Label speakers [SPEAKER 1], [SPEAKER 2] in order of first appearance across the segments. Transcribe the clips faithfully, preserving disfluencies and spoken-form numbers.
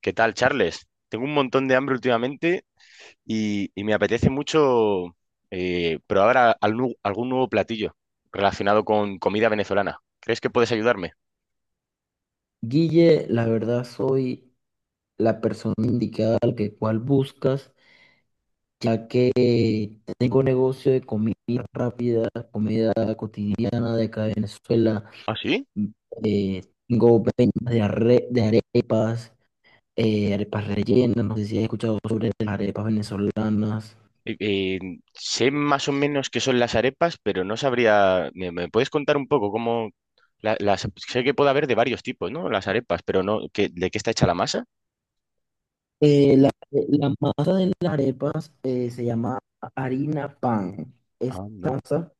[SPEAKER 1] ¿Qué tal, Charles? Tengo un montón de hambre últimamente y, y me apetece mucho eh, probar a- al nu- algún nuevo platillo relacionado con comida venezolana. ¿Crees que puedes ayudarme?
[SPEAKER 2] Guille, la verdad soy la persona indicada al que cual buscas, ya que tengo negocio de comida rápida, comida cotidiana de acá de Venezuela.
[SPEAKER 1] ¿Ah, sí?
[SPEAKER 2] eh, Tengo ventas de, arre- de arepas, eh, arepas rellenas, no sé si has escuchado sobre las arepas venezolanas.
[SPEAKER 1] Eh, eh, Sé más o menos qué son las arepas, pero no sabría. ¿Me, me puedes contar un poco cómo la- las sé que puede haber de varios tipos, ¿no? Las arepas, pero no, ¿qué- ¿de qué está hecha la masa?
[SPEAKER 2] Eh, la, la masa de las arepas eh, se llama harina pan. Esa
[SPEAKER 1] Anda.
[SPEAKER 2] masa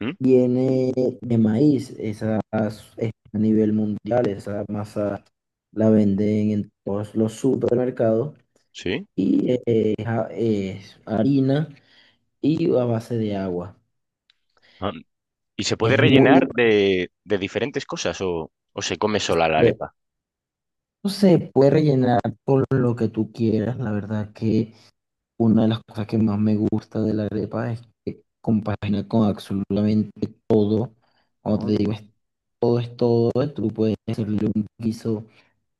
[SPEAKER 1] ¿Mm?
[SPEAKER 2] viene de maíz, esas es a nivel mundial, esa masa la venden en todos los supermercados
[SPEAKER 1] ¿Sí?
[SPEAKER 2] y eh, es, a- es harina y a base de agua.
[SPEAKER 1] Ah, ¿Y se puede
[SPEAKER 2] Es muy
[SPEAKER 1] rellenar de, de diferentes cosas o, o se come sola la
[SPEAKER 2] bueno.
[SPEAKER 1] arepa?
[SPEAKER 2] No se puede rellenar con lo que tú quieras. La verdad que una de las cosas que más me gusta de la arepa es que compagina con absolutamente todo. Como te digo, es- todo es todo. Tú puedes hacerle un guiso.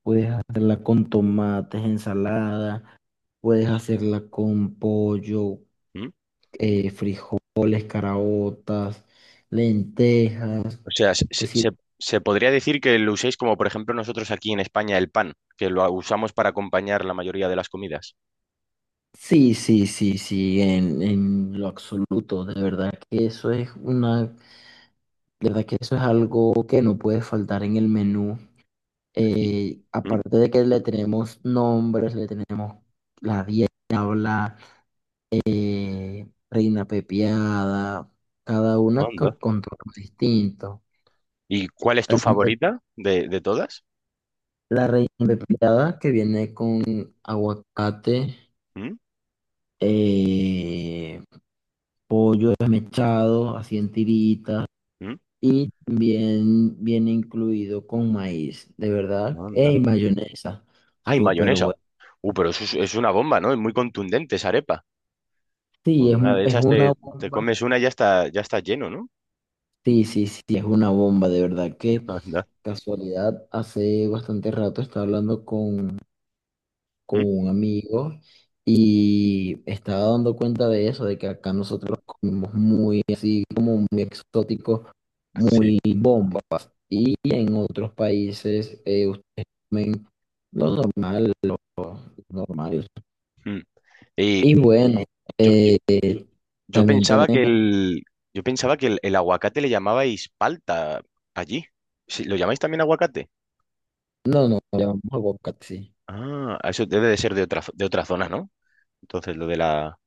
[SPEAKER 2] Puedes hacerla con tomates, ensalada, puedes hacerla con pollo,
[SPEAKER 1] ¿Mm?
[SPEAKER 2] eh, frijoles, caraotas, lentejas.
[SPEAKER 1] O sea, se,
[SPEAKER 2] Te
[SPEAKER 1] se-
[SPEAKER 2] sir-
[SPEAKER 1] se- se podría decir que lo uséis como, por ejemplo, nosotros aquí en España el pan, que lo usamos para acompañar la mayoría de las comidas.
[SPEAKER 2] sí, sí, sí, sí, en, en lo absoluto. De verdad que eso es una, de verdad que eso es algo que no puede faltar en el menú.
[SPEAKER 1] ¿Y,
[SPEAKER 2] Eh,
[SPEAKER 1] ¿Mm?
[SPEAKER 2] aparte de que le tenemos nombres, le tenemos la dieta, Reina Pepiada, cada una con
[SPEAKER 1] Anda.
[SPEAKER 2] contorno distinto.
[SPEAKER 1] ¿Y cuál es tu
[SPEAKER 2] También tenemos
[SPEAKER 1] favorita de, de todas?
[SPEAKER 2] la reina pepiada que viene con aguacate,
[SPEAKER 1] ¿Mm?
[SPEAKER 2] eh, pollo desmechado, así en tiritas,
[SPEAKER 1] ¿Mm?
[SPEAKER 2] y también viene incluido con maíz, de verdad,
[SPEAKER 1] Anda.
[SPEAKER 2] y mayonesa,
[SPEAKER 1] ¡Ay,
[SPEAKER 2] súper
[SPEAKER 1] mayonesa!
[SPEAKER 2] bueno.
[SPEAKER 1] Uh, pero eso es, es una bomba, ¿no? Es muy contundente esa arepa.
[SPEAKER 2] Sí,
[SPEAKER 1] Con
[SPEAKER 2] es,
[SPEAKER 1] una
[SPEAKER 2] un-
[SPEAKER 1] de
[SPEAKER 2] es
[SPEAKER 1] esas
[SPEAKER 2] una
[SPEAKER 1] te, te
[SPEAKER 2] bomba.
[SPEAKER 1] comes una y ya está, ya está lleno, ¿no?
[SPEAKER 2] Sí, sí, sí, es una bomba, de verdad que
[SPEAKER 1] Anda.
[SPEAKER 2] casualidad, hace bastante rato estaba hablando con con
[SPEAKER 1] ¿Mm?
[SPEAKER 2] un amigo y estaba dando cuenta de eso, de que acá nosotros comemos muy así, como muy exótico,
[SPEAKER 1] Sí.
[SPEAKER 2] muy bombas. Y en otros países eh, ustedes comen lo normal, normal.
[SPEAKER 1] Mm. Y
[SPEAKER 2] Y bueno,
[SPEAKER 1] yo,
[SPEAKER 2] eh,
[SPEAKER 1] Yo
[SPEAKER 2] también
[SPEAKER 1] pensaba que
[SPEAKER 2] tenemos,
[SPEAKER 1] el, yo pensaba que el, el aguacate le llamabais palta allí. Sí, ¿lo llamáis también aguacate?
[SPEAKER 2] no, no, le llamamos aguacate, sí.
[SPEAKER 1] Ah, ah, eso debe de ser de otra, de otra zona, ¿no? Entonces, lo de la,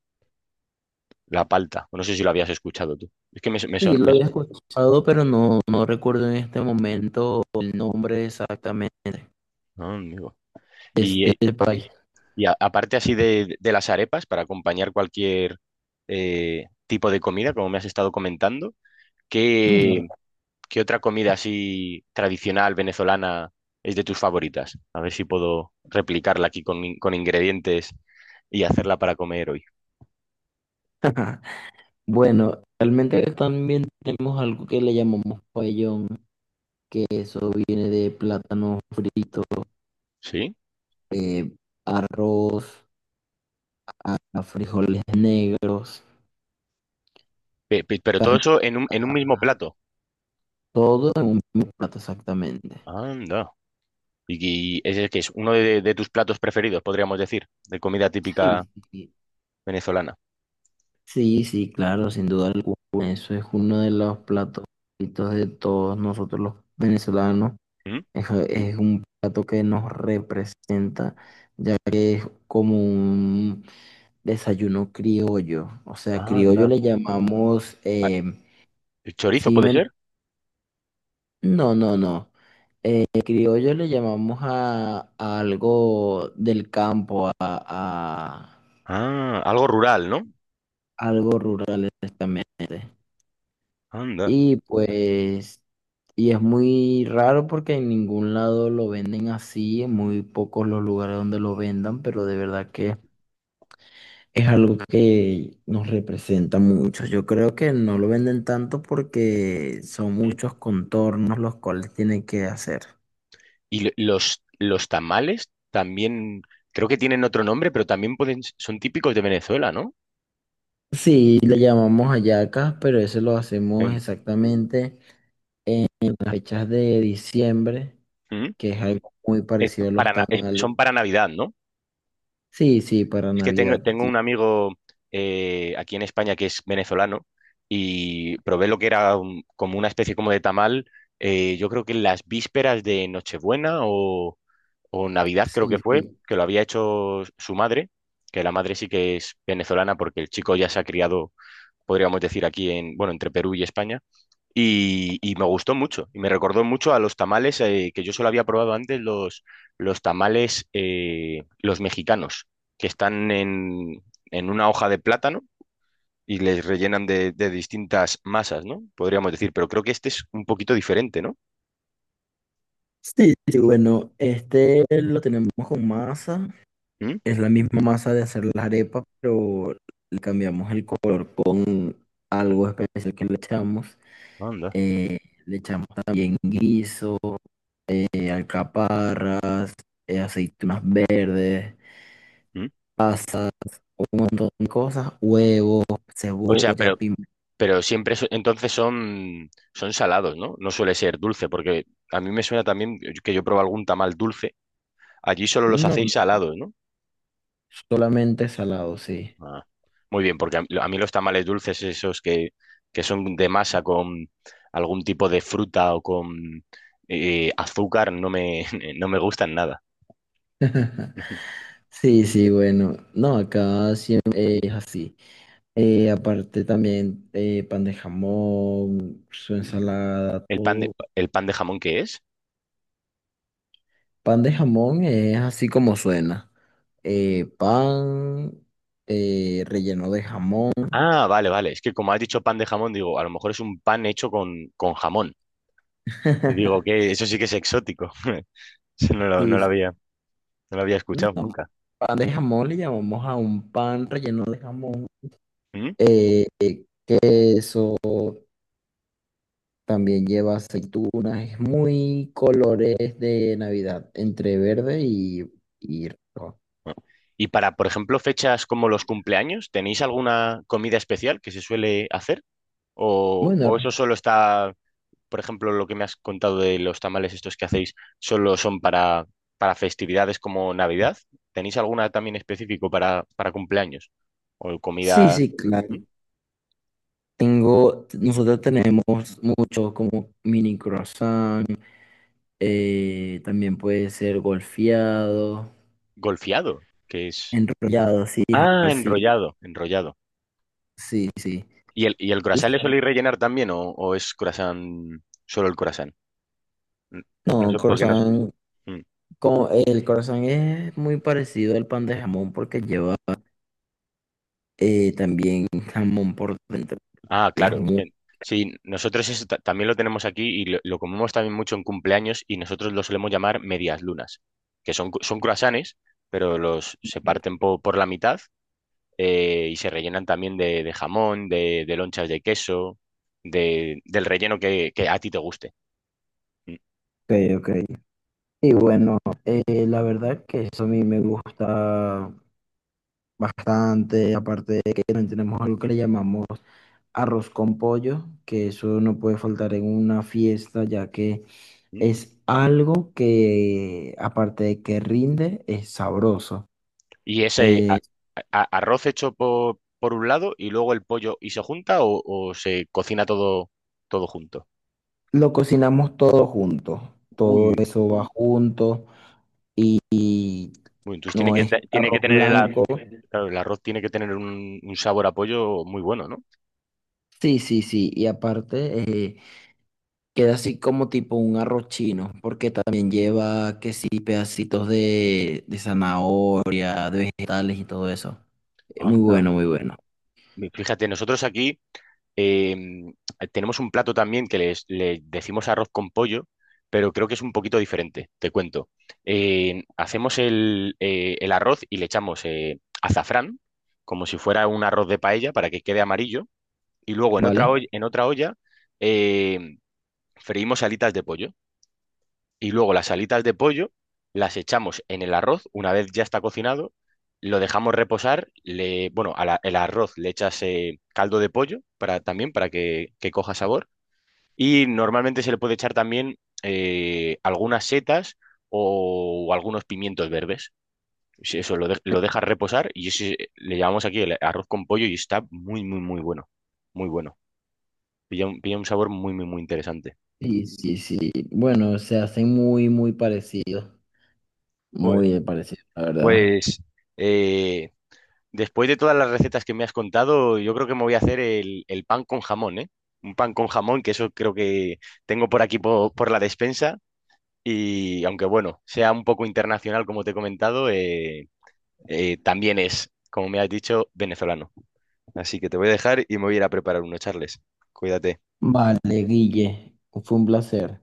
[SPEAKER 1] la palta. No sé si lo habías escuchado tú. Es que me, su- me,
[SPEAKER 2] Sí,
[SPEAKER 1] son-
[SPEAKER 2] lo
[SPEAKER 1] me su-
[SPEAKER 2] había escuchado, pero no, no recuerdo en este momento el nombre exactamente
[SPEAKER 1] Ah, amigo.
[SPEAKER 2] de
[SPEAKER 1] Y,
[SPEAKER 2] este
[SPEAKER 1] eh,
[SPEAKER 2] país.
[SPEAKER 1] y a- aparte así de, de las arepas, para acompañar cualquier eh, tipo de comida, como me has estado comentando,
[SPEAKER 2] Bueno,
[SPEAKER 1] qué ¿Qué otra comida así tradicional venezolana es de tus favoritas? A ver si puedo replicarla aquí con, in- con ingredientes y hacerla para comer hoy.
[SPEAKER 2] Bueno, realmente acá también tenemos algo que le llamamos pabellón, que eso viene de plátano frito,
[SPEAKER 1] ¿Sí?
[SPEAKER 2] eh, arroz, a a frijoles negros,
[SPEAKER 1] Pe- pe- Pero todo
[SPEAKER 2] carne,
[SPEAKER 1] eso en un, en un mismo plato.
[SPEAKER 2] todo en un mismo plato exactamente.
[SPEAKER 1] Anda. Y, y ese que es uno de, de tus platos preferidos, podríamos decir, de comida típica
[SPEAKER 2] Sí, sí,
[SPEAKER 1] venezolana.
[SPEAKER 2] sí, sí, claro, sin duda alguna. Eso es uno de los platos favoritos de todos nosotros los venezolanos.
[SPEAKER 1] ¿Mm?
[SPEAKER 2] Es, es un plato que nos representa, ya que como un desayuno criollo. O sea, criollo
[SPEAKER 1] Anda.
[SPEAKER 2] le llamamos.
[SPEAKER 1] Ah,
[SPEAKER 2] Eh,
[SPEAKER 1] ¿Chorizo
[SPEAKER 2] sí,
[SPEAKER 1] puede
[SPEAKER 2] men-
[SPEAKER 1] ser?
[SPEAKER 2] no, no, no. Eh, criollo le llamamos a, a algo del campo, a, a
[SPEAKER 1] Ah, algo rural, ¿no?
[SPEAKER 2] algo rural exactamente.
[SPEAKER 1] Anda.
[SPEAKER 2] Y pues. Y es muy raro porque en ningún lado lo venden así, en muy pocos los lugares donde lo vendan, pero de verdad que es algo que nos representa mucho. Yo creo que no lo venden tanto porque son
[SPEAKER 1] ¿Mm?
[SPEAKER 2] muchos contornos los cuales tienen que hacer.
[SPEAKER 1] Y lo- los, los tamales también, creo que tienen otro nombre, pero también pueden, son típicos de Venezuela, ¿no?
[SPEAKER 2] Sí, le llamamos hallacas, pero eso lo hacemos
[SPEAKER 1] Em,
[SPEAKER 2] exactamente en las fechas de diciembre,
[SPEAKER 1] ¿Mm?
[SPEAKER 2] que es algo muy
[SPEAKER 1] Es
[SPEAKER 2] parecido a los
[SPEAKER 1] para, na- es-
[SPEAKER 2] tamales.
[SPEAKER 1] son para Navidad, ¿no?
[SPEAKER 2] Sí, sí, para
[SPEAKER 1] Es que tengo,
[SPEAKER 2] Navidad.
[SPEAKER 1] tengo un
[SPEAKER 2] Sí,
[SPEAKER 1] amigo eh, aquí en España que es venezolano y probé lo que era un- como una especie como de tamal, eh, yo creo que en las vísperas de Nochebuena o Navidad creo que fue,
[SPEAKER 2] sí.
[SPEAKER 1] que lo había hecho su madre, que la madre sí que es venezolana porque el chico ya se ha criado, podríamos decir, aquí en, bueno, entre Perú y España. Y, y me gustó mucho, y me recordó mucho a los tamales eh, que yo solo había probado antes, los, los tamales, eh, los mexicanos, que están en, en una hoja de plátano y les rellenan de, de distintas masas, ¿no? Podríamos decir, pero creo que este es un poquito diferente, ¿no?
[SPEAKER 2] Sí, sí, sí, bueno, este lo tenemos con masa.
[SPEAKER 1] ¿Mm?
[SPEAKER 2] Es la misma masa de hacer las arepas, pero le cambiamos el color con algo especial que le echamos.
[SPEAKER 1] Anda.
[SPEAKER 2] Eh, Le echamos también guiso, eh, alcaparras, eh, aceitunas verdes,
[SPEAKER 1] ¿Mm?
[SPEAKER 2] pasa, un montón de cosas, huevos,
[SPEAKER 1] O sea,
[SPEAKER 2] cebolla,
[SPEAKER 1] pero
[SPEAKER 2] pimiento.
[SPEAKER 1] Pero siempre su- entonces son, son salados, ¿no? No suele ser dulce, porque a mí me suena también que yo probé algún tamal dulce. Allí solo los
[SPEAKER 2] No,
[SPEAKER 1] hacéis
[SPEAKER 2] no,
[SPEAKER 1] salados, ¿no?
[SPEAKER 2] solamente salado, sí.
[SPEAKER 1] Ah, muy bien, porque a, a mí los tamales dulces, esos que, que son de masa con algún tipo de fruta o con eh, azúcar, no me, no me gustan nada.
[SPEAKER 2] Sí, sí, bueno, no, acá siempre es así. Eh, aparte también eh, pan de jamón, su ensalada,
[SPEAKER 1] ¿El pan
[SPEAKER 2] todo.
[SPEAKER 1] de, el pan de jamón qué es?
[SPEAKER 2] Pan de jamón es así como suena. Eh, pan eh, relleno de jamón.
[SPEAKER 1] Ah, vale, vale. Es que como has dicho pan de jamón, digo, a lo mejor es un pan hecho con, con jamón. Y digo que eso sí que es exótico. No lo, no
[SPEAKER 2] Sí,
[SPEAKER 1] lo había.
[SPEAKER 2] sí.
[SPEAKER 1] No lo había escuchado
[SPEAKER 2] No.
[SPEAKER 1] nunca.
[SPEAKER 2] Pan de jamón le llamamos a un pan relleno de jamón.
[SPEAKER 1] ¿Mm?
[SPEAKER 2] Eh, También lleva aceitunas, es muy colores de Navidad, entre verde y, y rojo.
[SPEAKER 1] Y para, por ejemplo, fechas como los cumpleaños, ¿tenéis alguna comida especial que se suele hacer? ¿O,
[SPEAKER 2] Bueno,
[SPEAKER 1] o eso
[SPEAKER 2] r-
[SPEAKER 1] solo está, por ejemplo, lo que me has contado de los tamales estos que hacéis, solo son para, para festividades como Navidad? ¿Tenéis alguna también específico para, para cumpleaños? ¿O
[SPEAKER 2] sí,
[SPEAKER 1] comida
[SPEAKER 2] sí, claro.
[SPEAKER 1] ¿Mm?
[SPEAKER 2] Tengo, nosotros tenemos muchos como mini croissant, eh, también puede ser golfeado,
[SPEAKER 1] Golfeado, que es...
[SPEAKER 2] enrollado, sí, ja,
[SPEAKER 1] Ah,
[SPEAKER 2] sí,
[SPEAKER 1] enrollado, enrollado.
[SPEAKER 2] sí, sí.
[SPEAKER 1] ¿Y el, y el
[SPEAKER 2] Y
[SPEAKER 1] croissant le
[SPEAKER 2] son-
[SPEAKER 1] soléis rellenar también o, o es croissant, solo el croissant? N- No
[SPEAKER 2] no,
[SPEAKER 1] sé por qué no... sé.
[SPEAKER 2] croissant,
[SPEAKER 1] ¿Mm?
[SPEAKER 2] como, el croissant es muy parecido al pan de jamón porque lleva eh, también jamón por dentro
[SPEAKER 1] Ah,
[SPEAKER 2] y es
[SPEAKER 1] claro, es que
[SPEAKER 2] muy
[SPEAKER 1] sí, nosotros eso ta- también lo tenemos aquí y lo, lo comemos también mucho en cumpleaños y nosotros lo solemos llamar medias lunas, que son, cu- son croissants, pero los se parten
[SPEAKER 2] rico.
[SPEAKER 1] po- por la mitad eh, y se rellenan también de, de jamón, de, de lonchas de queso, de, del relleno que, que a ti te guste. Mm,
[SPEAKER 2] Ok, ok. Y bueno, eh, la verdad que eso a mí me gusta bastante, aparte de que también tenemos algo que le llamamos arroz con pollo, que eso no puede faltar en una fiesta, ya que
[SPEAKER 1] mm.
[SPEAKER 2] es algo que, aparte de que rinde, es sabroso.
[SPEAKER 1] Y ese a-
[SPEAKER 2] Eh,
[SPEAKER 1] a- arroz hecho por, por un lado y luego el pollo y se junta o, o se cocina todo, todo junto.
[SPEAKER 2] lo cocinamos todo juntos, todo
[SPEAKER 1] Uy,
[SPEAKER 2] eso va junto,
[SPEAKER 1] uy, entonces tiene
[SPEAKER 2] no
[SPEAKER 1] que,
[SPEAKER 2] es
[SPEAKER 1] te- tiene que
[SPEAKER 2] arroz
[SPEAKER 1] tener el, ar-
[SPEAKER 2] blanco.
[SPEAKER 1] Claro, el arroz tiene que tener un, un sabor a pollo muy bueno, ¿no?
[SPEAKER 2] Sí, sí, sí, y aparte queda así como tipo un arroz chino, porque también lleva que sí, pedacitos de, de zanahoria, de vegetales y todo eso. Eh, Muy
[SPEAKER 1] Anda.
[SPEAKER 2] bueno, muy bueno.
[SPEAKER 1] Mi- Fíjate, nosotros aquí em, tenemos un plato también que les, le decimos arroz con pollo, pero creo que es un poquito diferente, te cuento. Eh, hacemos el, eh, el arroz y le echamos eh, azafrán, como si fuera un arroz de paella, para que quede amarillo, y luego en otra, olla-
[SPEAKER 2] ¿Vale?
[SPEAKER 1] en otra olla em, freímos alitas de pollo. Y luego las alitas de pollo las echamos en el arroz una vez ya está cocinado, lo dejamos reposar, le, bueno, al el arroz le echas eh, caldo de pollo para, también para que, que coja sabor y normalmente se le puede echar también eh, algunas setas o, algunos pimientos verdes. Sí, eso lo, de- lo dejas reposar y ese le llamamos aquí el arroz con pollo y está muy, muy, muy bueno. Muy bueno. Pilla un, pilla un sabor muy, muy, muy interesante.
[SPEAKER 2] Sí, sí, sí. Bueno, se hacen muy, muy parecidos.
[SPEAKER 1] Joder.
[SPEAKER 2] Muy parecidos, la verdad.
[SPEAKER 1] Pues eh, después de todas las recetas que me has contado, yo creo que me voy a hacer el, el pan con jamón, ¿eh? Un pan con jamón, que eso creo que tengo por aquí po- por la despensa. Y aunque bueno, sea un poco internacional, como te he comentado, eh, eh, también es, como me has dicho, venezolano. Así que te voy a dejar y me voy a ir a preparar uno, Charles. Cuídate.
[SPEAKER 2] Vale, Guille, fue un placer.